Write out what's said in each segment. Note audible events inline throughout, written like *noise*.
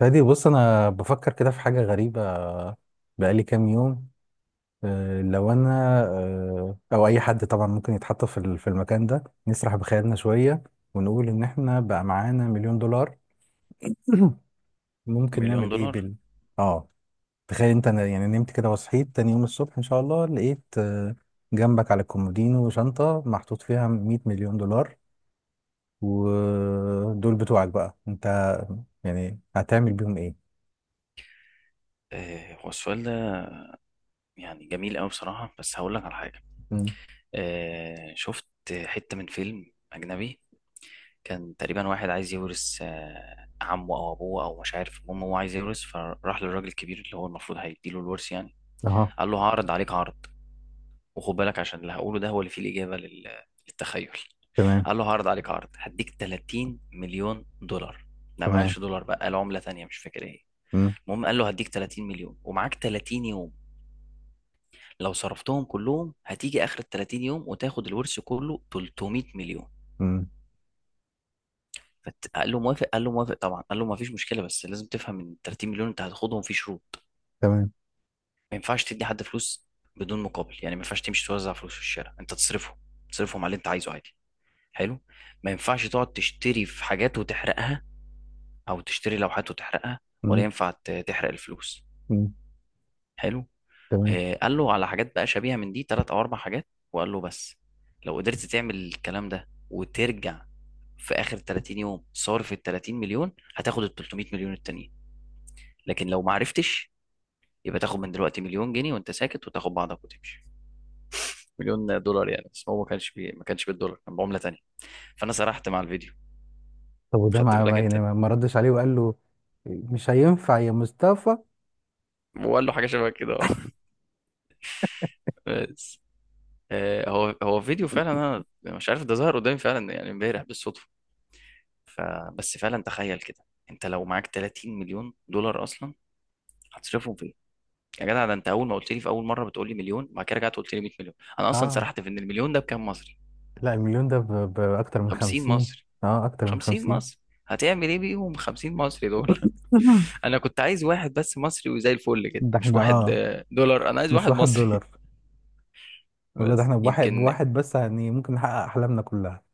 فادي، بص انا بفكر كده في حاجه غريبه. بقالي كام يوم. لو انا او اي حد طبعا ممكن يتحط في في المكان ده. نسرح بخيالنا شويه ونقول ان احنا بقى معانا مليون دولار. *clears throat* ممكن مليون نعمل ايه دولار. بال اه تخيل انت أنا، يعني نمت كده وصحيت تاني يوم الصبح ان شاء الله لقيت، جنبك على الكومودينو شنطه محطوط فيها 100 مليون دولار. ودول بتوعك بقى انت، يعني هتعمل بيهم ايه؟ هو السؤال ده يعني جميل قوي بصراحة، بس هقول لك على حاجة. مم. شفت حتة من فيلم أجنبي. كان تقريبا واحد عايز يورث عمه أو أبوه أو مش عارف، المهم هو عايز يورث، فراح للراجل الكبير اللي هو المفروض هيديله الورث يعني. اها. قال له هعرض عليك عرض، وخد بالك عشان اللي هقوله ده هو اللي فيه الإجابة للتخيل. تمام. قال له هعرض عليك عرض، هديك 30 مليون دولار. لا، ما تمام. قالش دولار بقى، قال عملة تانية مش فاكر ايه. مم. المهم قال له هديك 30 مليون ومعاك 30 يوم. لو صرفتهم كلهم، هتيجي اخر ال 30 يوم وتاخد الورث كله، 300 مليون. مم. فقال له موافق، قال له موافق طبعا، قال له ما فيش مشكله، بس لازم تفهم ان ال 30 مليون انت هتاخدهم في شروط. تمام. ما ينفعش تدي حد فلوس بدون مقابل، يعني ما ينفعش تمشي توزع فلوس في الشارع، انت تصرفهم. تصرفهم على اللي انت عايزه عادي. حلو. ما ينفعش تقعد تشتري في حاجات وتحرقها، او تشتري لوحات وتحرقها. ولا مم. ينفع تحرق الفلوس. مم. حلو. تمام. قال له على حاجات بقى شبيهة من دي، تلات أو أربع حاجات. وقال له بس لو قدرت تعمل الكلام ده وترجع في آخر 30 يوم صارف ال 30 مليون، هتاخد ال 300 مليون التانيين. لكن لو ما عرفتش، يبقى تاخد من دلوقتي مليون جنيه وأنت ساكت، وتاخد بعضك وتمشي. مليون دولار يعني، بس هو ما كانش بالدولار، كان بعملة تانية. فأنا سرحت مع الفيديو. طب وده خدت ما بالك ما- أنت؟ يعني ما ما ردش عليه وقال له مش هينفع يا مصطفى؟ وقال له حاجة شبه كده *laughs* اه بس. هو فيديو فعلا، أنا مش عارف، ده ظهر قدامي فعلا يعني امبارح بالصدفة. فبس فعلا تخيل كده، انت لو معاك 30 مليون دولار اصلا هتصرفهم في ايه؟ يا جدع، ده انت اول ما قلت لي في اول مره بتقول لي مليون، بعد كده رجعت قلت لي 100 مليون. انا اصلا اه. سرحت في ان المليون ده بكام مصري. لا، المليون ده بأكتر من 50 خمسين. مصري. اه، أكتر من 50 خمسين. مصري هتعمل ايه بيهم؟ 50 مصري دول *laughs* *laughs* انا كنت عايز واحد بس مصري، وزي الفل كده، ده مش احنا، واحد اه، دولار، انا عايز مش واحد واحد مصري. دولار. *laughs* ولا ده بس احنا بواحد يمكن. بواحد بس، يعني ممكن نحقق أحلامنا كلها.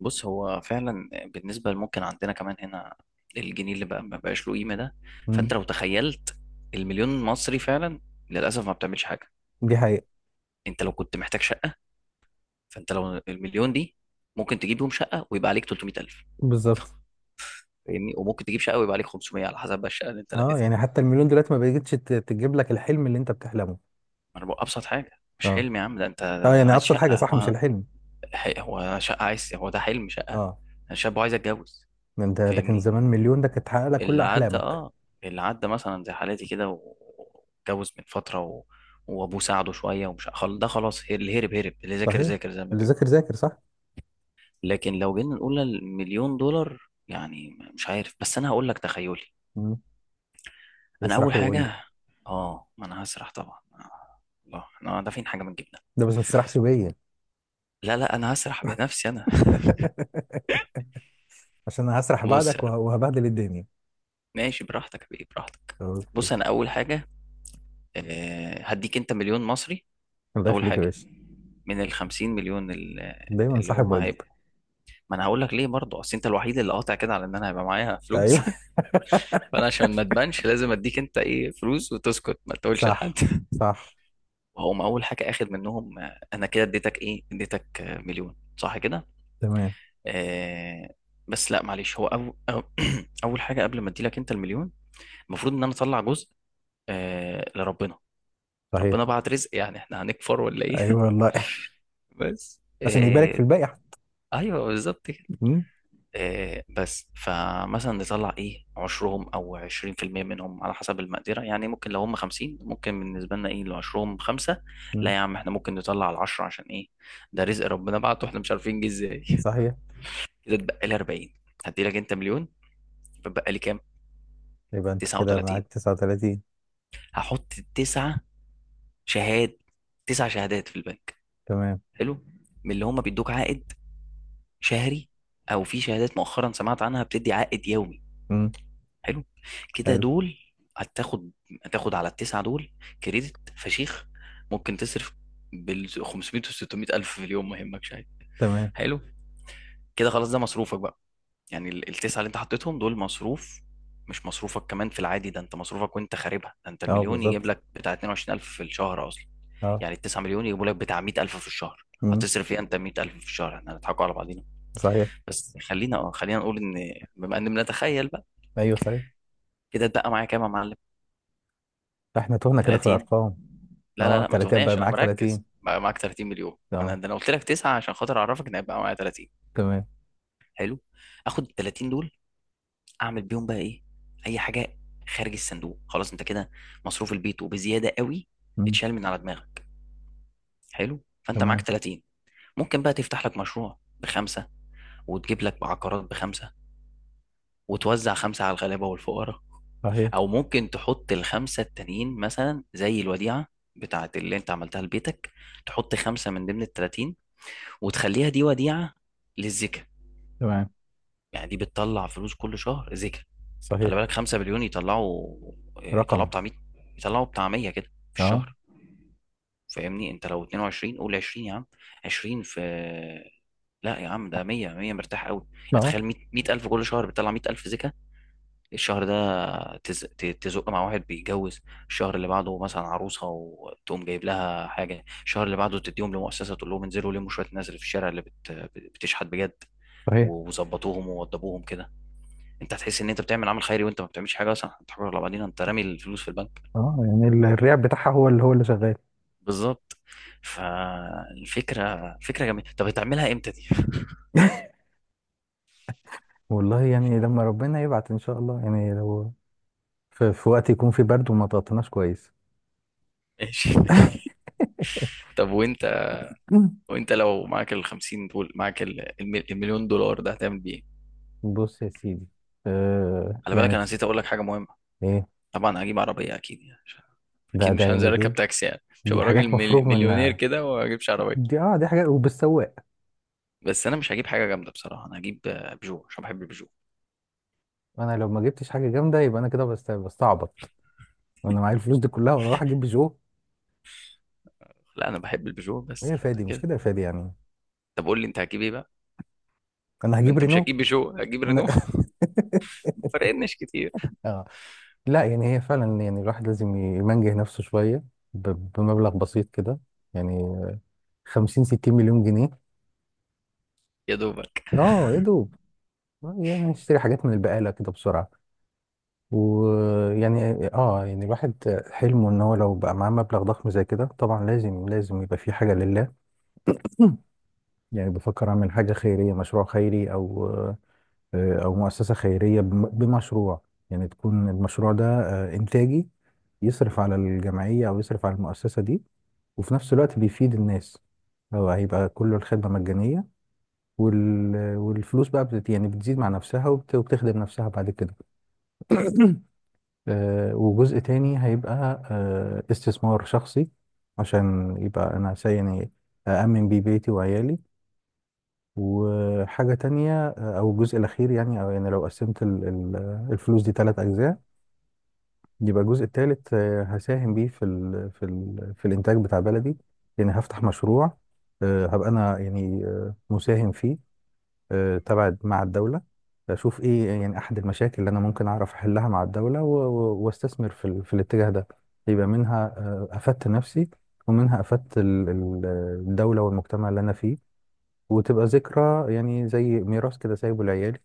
بص هو فعلا بالنسبة ممكن عندنا كمان هنا، الجنيه اللي بقى ما بقاش له قيمة ده. فانت مم. لو تخيلت المليون مصري فعلا، للأسف ما بتعملش حاجة. دي حقيقة. انت لو كنت محتاج شقة، فانت لو المليون دي، ممكن تجيب بيهم شقة ويبقى عليك 300,000. بالظبط. فاهمني، وممكن تجيب شقة ويبقى عليك 500، على حسب بقى الشقة اللي انت اه لقيتها. يعني حتى المليون دلوقتي ما بقتش تجيب لك الحلم اللي انت بتحلمه. ما انا بقول أبسط حاجة، مش اه. حلم يا عم. ده انت اه يعني عايز أبسط حاجة، شقة. صح، مش هو الحلم. هو شقة عايز. هو ده حلم، شقة. اه، الشاب عايز يتجوز. انت لكن زمان فاهمني. مليون ده كانت تحقق لك كل اللي عدى، احلامك. اه، اللي عدى مثلا زي حالتي كده واتجوز من فترة وابوه ساعده شوية، ده خلاص، اللي هرب هرب، اللي ذاكر صحيح، ذاكر، زي ما اللي بيقول. ذاكر ذاكر صح. لكن لو جينا نقول المليون دولار، يعني مش عارف، بس انا هقول لك تخيلي. مم. انا اول اسرح وقول لي. حاجة، اه ما انا هسرح طبعا، الله، احنا دافعين حاجة من جيبنا؟ ده بس ما تسرحش بيا. لا لا، انا هسرح بنفسي انا. *laughs* عشان انا هسرح *laughs* بص، يا بعدك وه- رب. وهبهدل الدنيا. ماشي براحتك يا بيه، براحتك. اوكي. بص، انا اول حاجة، هديك انت مليون مصري. الله اول يخليك يا حاجه باشا. من ال 50 مليون دايما اللي صاحب هم واجب. هيبقوا، ما انا هقول لك ليه برضه، اصل انت الوحيد اللي قاطع كده على ان انا هيبقى معايا فلوس ايوه. *laughs* *laughs* فانا عشان ما تبانش، لازم اديك انت ايه، فلوس، وتسكت ما تقولش لحد صح، *laughs* صح. وهم اول حاجه اخد منهم، انا كده اديتك ايه؟ اديتك مليون، صح كده؟ تمام. آه. بس لا معلش، هو أو *clears throat* اول حاجه قبل ما اديلك انت المليون، المفروض ان انا اطلع جزء آه لربنا. صحيح. ربنا بعت رزق، يعني احنا هنكفر ولا ايه؟ ايوه والله. *laughs* بس *laughs* عشان يبارك في آه. الباقي حتى. ايوه بالظبط كده. مم. بس فمثلا نطلع ايه، عشرهم او 20% منهم، على حسب المقدرة. يعني ممكن لو هم خمسين، ممكن بالنسبة لنا ايه، لو عشرهم خمسة. لا مم. يا عم، احنا ممكن نطلع العشرة، عشان ايه؟ ده رزق ربنا بعته، احنا مش عارفين جه ازاي صحيح. *laughs* كده اتبقى لي أربعين. هدي لك انت مليون. بتبقى لي كام؟ يبقى انت تسعة كده وتلاتين. معاك 39. هحط تسعة شهاد تسع شهادات في البنك. تمام. حلو. من اللي هم بيدوك عائد شهري، او في شهادات مؤخرا سمعت عنها بتدي عائد يومي. مم. حلو، كده حلو. دول. هتاخد هتاخد على التسعة دول كريدت فشيخ، ممكن تصرف بال 500 و 600 الف في اليوم، ما يهمكش، عادي. تمام. حلو، كده خلاص ده مصروفك بقى، يعني التسعة اللي انت حطيتهم دول، مصروف، مش مصروفك كمان في العادي. ده انت مصروفك وانت خاربها، ده انت اه، المليون يجيب بالظبط. لك بتاع 22,000 الف في الشهر اصلا. اه. يعني التسعة مليون يجيبوا لك بتاع 100,000 الف في الشهر. مم. هتصرف ايه انت 100,000 الف في الشهر؟ احنا هنضحكوا على بعضينا؟ صحيح. بس خلينا، خلينا نقول ان بما ان بنتخيل بقى. ايوه، صحيح. كده اتبقى معايا كام يا معلم؟ احنا تهنا كده في 30. الارقام. لا لا اه، لا، ما 30. بقى تهناش، انا معاك مركز 30. بقى. معاك 30 مليون. ما انا اه. ده انا قلت لك تسعه عشان خاطر اعرفك ان هيبقى معايا 30. تمام. حلو. اخد ال 30 دول، اعمل بيهم بقى ايه؟ اي حاجه، خارج الصندوق. خلاص انت كده، مصروف البيت وبزياده قوي، مم. اتشال من على دماغك. حلو. فانت معاك تمام. 30، ممكن بقى تفتح لك مشروع بخمسه، وتجيب لك بعقارات بخمسه، وتوزع خمسه على الغلابه والفقراء. صحيح. او ممكن تحط الخمسه التانيين مثلا، زي الوديعه بتاعت اللي انت عملتها لبيتك، تحط خمسه من ضمن ال 30 وتخليها دي وديعة للزكاة. تمام. يعني دي بتطلع فلوس كل شهر، زكاة. صحيح. خلي بالك، 5 مليون يطلعوا رقم. بتاع 100. يطلعوا بتاع 100 كده في اه. الشهر. فاهمني، انت لو 22 قول 20 يا عم. 20 في لا يا عم ده 100، 100 مرتاح قوي، يعني اه، تخيل 100، 100,000 كل شهر، بتطلع 100,000 زكاة. الشهر ده تزق مع واحد بيتجوز. الشهر اللي بعده مثلا عروسه، وتقوم جايب لها حاجه. الشهر اللي بعده تديهم لمؤسسه، تقول لهم انزلوا لموا شويه الناس اللي في الشارع اللي بتشحت بجد، صحيح. وظبطوهم ووضبوهم كده. انت هتحس ان انت بتعمل عمل خيري، وانت ما بتعملش حاجه اصلا، انت حر على بعدين، انت رامي الفلوس في البنك. اه يعني الرياح بتاعها هو اللي، هو اللي شغال. بالظبط. فالفكره فكره جميله. طب هتعملها امتى دي؟ والله يعني لما ربنا يبعت ان شاء الله، يعني لو في وقت يكون في برد وما تغطيناش كويس. *laughs* ماشي ماشي. طب وانت *laughs* وانت لو معاك ال 50 دول، معاك المليون دولار ده، هتعمل بيه ايه؟ بص يا سيدي، خلي يعني بالك انا نسيت اقول لك حاجه مهمه. ايه طبعا هجيب عربية أكيد، ده أكيد ده مش هنزل يعني أركب دي تاكسي، يعني مش دي هبقى راجل حاجات مفروغ مليونير منها. كده وما أجيبش عربية. دي، اه، دي حاجات، وبالسواق. بس أنا مش هجيب حاجة جامدة بصراحة، أنا هجيب بيجو، عشان بحب البيجو. انا لو ما جبتش حاجه جامده يبقى انا كده بستعبط. وانا معايا الفلوس دي كلها وانا اروح اجيب جو؟ لا أنا بحب البيجو ايه بس يا فادي، مش كده. كده يا فادي يعني. طب قول لي أنت هتجيب إيه بقى؟ انا ما هجيب أنت مش رينو. هتجيب بيجو، هتجيب رينو أنا... *laughs* فرقناش كتير. *laughs* اه، لا، يعني هي فعلا يعني الواحد لازم يمنجه نفسه شويه ب... بمبلغ بسيط كده، يعني 50 60 مليون جنيه. يا دوبك. اه يا دوب. يعني نشتري حاجات من البقاله كده بسرعه. ويعني، اه، يعني الواحد حلمه ان هو لو بقى معاه مبلغ ضخم زي كده طبعا لازم، لازم يبقى في حاجه لله. *clears throat* يعني بفكر اعمل حاجه خيريه، مشروع خيري، او او مؤسسه خيريه بمشروع. يعني تكون المشروع ده، انتاجي، يصرف على الجمعيه او يصرف على المؤسسه دي، وفي نفس الوقت بيفيد الناس. هو هيبقى كله الخدمه مجانيه، وال... والفلوس بقى يعني بتزيد مع نفسها وبت... وبتخدم نفسها بعد كده. وجزء تاني هيبقى استثمار شخصي، عشان يبقى انا يعني أأمن بيه بيتي وعيالي. وحاجة تانية، أو الجزء الأخير، يعني أو يعني لو قسمت الفلوس دي تلات أجزاء، يبقى الجزء التالت، هساهم بيه في ال في ال في الإنتاج بتاع بلدي. يعني هفتح مشروع، هبقى أنا يعني، مساهم فيه، تبع مع الدولة. أشوف إيه يعني أحد المشاكل اللي أنا ممكن أعرف أحلها مع الدولة و- و- وأستثمر في في الاتجاه ده. يبقى منها، أفدت نفسي، ومنها أفدت الدولة والمجتمع اللي أنا فيه، وتبقى ذكرى يعني زي ميراث كده سايبه لعيالي.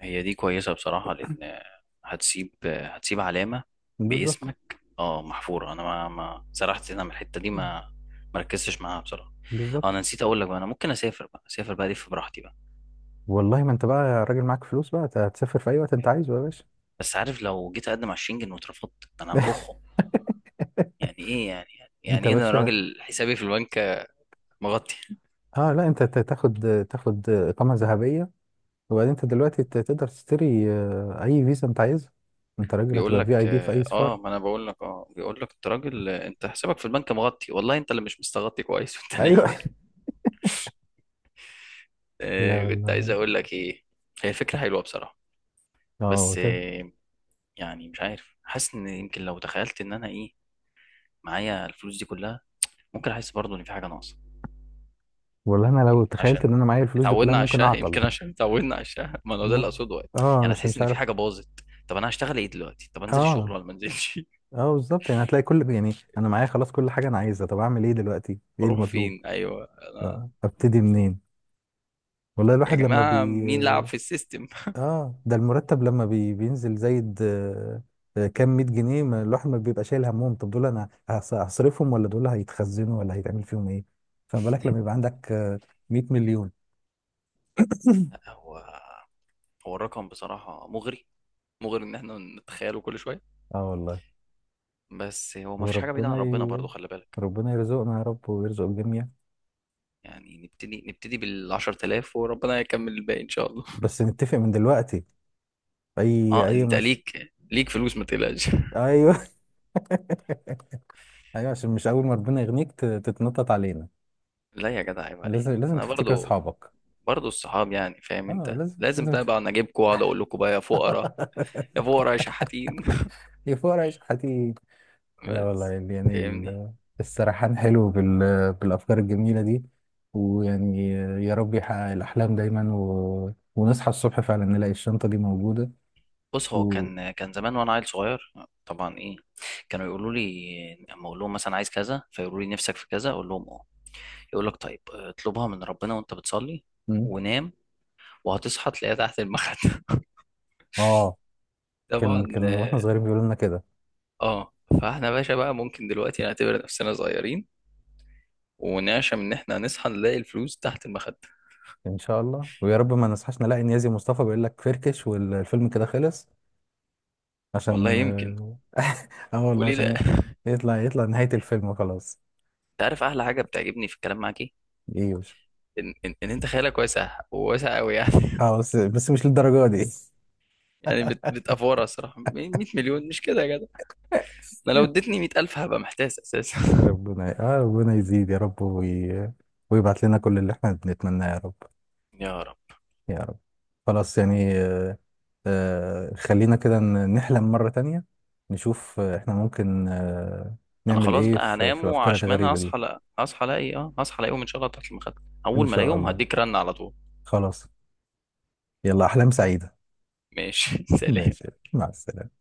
هي دي كويسة بصراحة لأن آه، هتسيب علامة بالظبط. باسمك، أه، محفورة. أنا ما سرحت هنا من الحتة دي، مم. ما مركزتش معاها بصراحة. بالظبط. أنا نسيت أقول لك بقى. أنا ممكن أسافر بقى، أسافر بقى، ألف براحتي بقى. والله ما انت بقى راجل معاك فلوس بقى، هتسافر في اي وقت انت عايزه يا باشا. بس عارف، لو جيت اقدم على الشنجن واترفضت، انا *laughs* هنفخه. يعني ايه يعني؟ انت يعني ايه ده، انا باشا. راجل حسابي في البنك مغطي. اه، لا انت تاخد، تاخد اقامه ذهبيه. وبعدين انت دلوقتي تقدر تشتري اي فيزا انت عايزها. انت راجل بيقول هتبقى لك في اي بي في اي اه، سفاره. ما انا بقول لك اه، بيقول لك انت راجل، انت حسابك في البنك مغطي. والله انت اللي مش مستغطي كويس *laughs* وانت نايم. ايوه. *laughs* لا آه، كنت عايز والله. اقول لك ايه؟ هي فكرة حلوة بصراحة. اه بس آه. يعني مش عارف، حاسس ان يمكن لو تخيلت ان انا ايه، معايا الفلوس دي كلها، ممكن احس برضه ان في حاجة ناقصة. والله انا لو يمكن تخيلت عشان ان انا معايا الفلوس دي كلها اتعودنا على ممكن الشاه، اعطل. يمكن عشان اتعودنا على الشاه، ما هو ده م... اللي اقصده. اه، يعني مش هتحس مش ان في عارف. حاجه باظت، طب انا هشتغل ايه دلوقتي، طب انزل الشغل اه. ولا ما انزلش؟ اه بالظبط، يعني هتلاقي كل، يعني انا معايا خلاص كل حاجه انا عايزها، طب اعمل ايه دلوقتي؟ *laughs* ايه اروح المطلوب؟ فين؟ ايوه انا. ابتدي منين؟ والله يا الواحد لما بي جماعه مين لعب في السيستم؟ اه ده المرتب لما بينزل زايد كام 100 جنيه، ما الواحد ما بيبقى شايل همهم؟ طب دول انا هصرفهم ولا دول هيتخزنوا ولا هيتعمل فيهم ايه؟ فما بالك لما يبقى عندك، 100 مليون. لا، هو هو الرقم بصراحه مغري، مغري ان احنا نتخيله كل شويه. اه والله. بس هو ما فيش حاجه بعيده عن وربنا ي... ربنا برضو، خلي بالك. ربنا يرزقنا يا رب ويرزق الجميع. يعني نبتدي بال 10,000، وربنا يكمل الباقي ان شاء الله. بس نتفق من دلوقتي اي اه اي انت مش ليك فلوس، ما تقلقش. ايوه. ايوه، عشان مش اول ما ربنا يغنيك تتنطط علينا. *laughs* لا يا جدع، عيب لازم، عليك، لازم انا تفتكر برضو. اصحابك. برضه الصحاب يعني، فاهم اه انت، لازم لازم لازم بقى اجيبكم واقعد اقول لكم بقى: يا فقراء، يا *laughs* فقراء، يا شحاتين. يا فقرا يا شحاتين. *laughs* *laughs* لا والله، بس، يعني فاهمني. السرحان حلو بالافكار الجميله دي. ويعني يا رب يحقق الاحلام دايما، و... ونصحى الصبح فعلا نلاقي الشنطه دي موجوده. بص هو و... كان زمان وانا عيل صغير، طبعا، ايه، كانوا يقولوا لي اما اقول لهم مثلا عايز كذا، فيقولوا لي نفسك في كذا، اقول لهم اه، يقول لك طيب اطلبها من ربنا وانت بتصلي م? ونام، وهتصحى تلاقيها تحت المخدة. اه، *laughs* طبعا. كان كان واحنا صغيرين بيقولوا لنا كده. اه، فاحنا باشا بقى، ممكن دلوقتي نعتبر نفسنا صغيرين، ونعشم ان احنا هنصحى نلاقي الفلوس تحت المخدة. ان شاء الله، ويا رب ما نصحاش نلاقي نيازي مصطفى بيقول لك فركش والفيلم كده خلص. والله عشان يمكن. اه *laughs* آه والله وليه لا؟ *laughs* عشان يطلع، يطلع نهاية الفيلم وخلاص. انت عارف احلى حاجه بتعجبني في الكلام معاك ايه؟ ايوه. إن انت خيالك واسع، وواسع قوي يعني *laughs* اه بس، بس مش للدرجة دي. *laughs* يعني بتافوره الصراحه، 100 مليون مش كده يا جدع؟ انا لو اديتني 100,000 هبقى محتاس اساسا. *laughs* ربنا، اه، ربنا يزيد يا رب وي... ويبعت لنا كل اللي احنا بنتمناه يا رب. يا رب. يا رب. خلاص، يعني خلينا كده نحلم مرة تانية، نشوف احنا ممكن انا نعمل خلاص ايه بقى في هنام الافكار وعشمان الغريبة دي. هصحى لا هصحى الاقي اه هصحى الاقيهم ان شاء الله تحت المخده. ان اول ما شاء الاقيهم الله. هديك رن على طول. خلاص. يلا، احلام سعيدة. ماشي *laughs* ماشي. سلام. مع السلامة.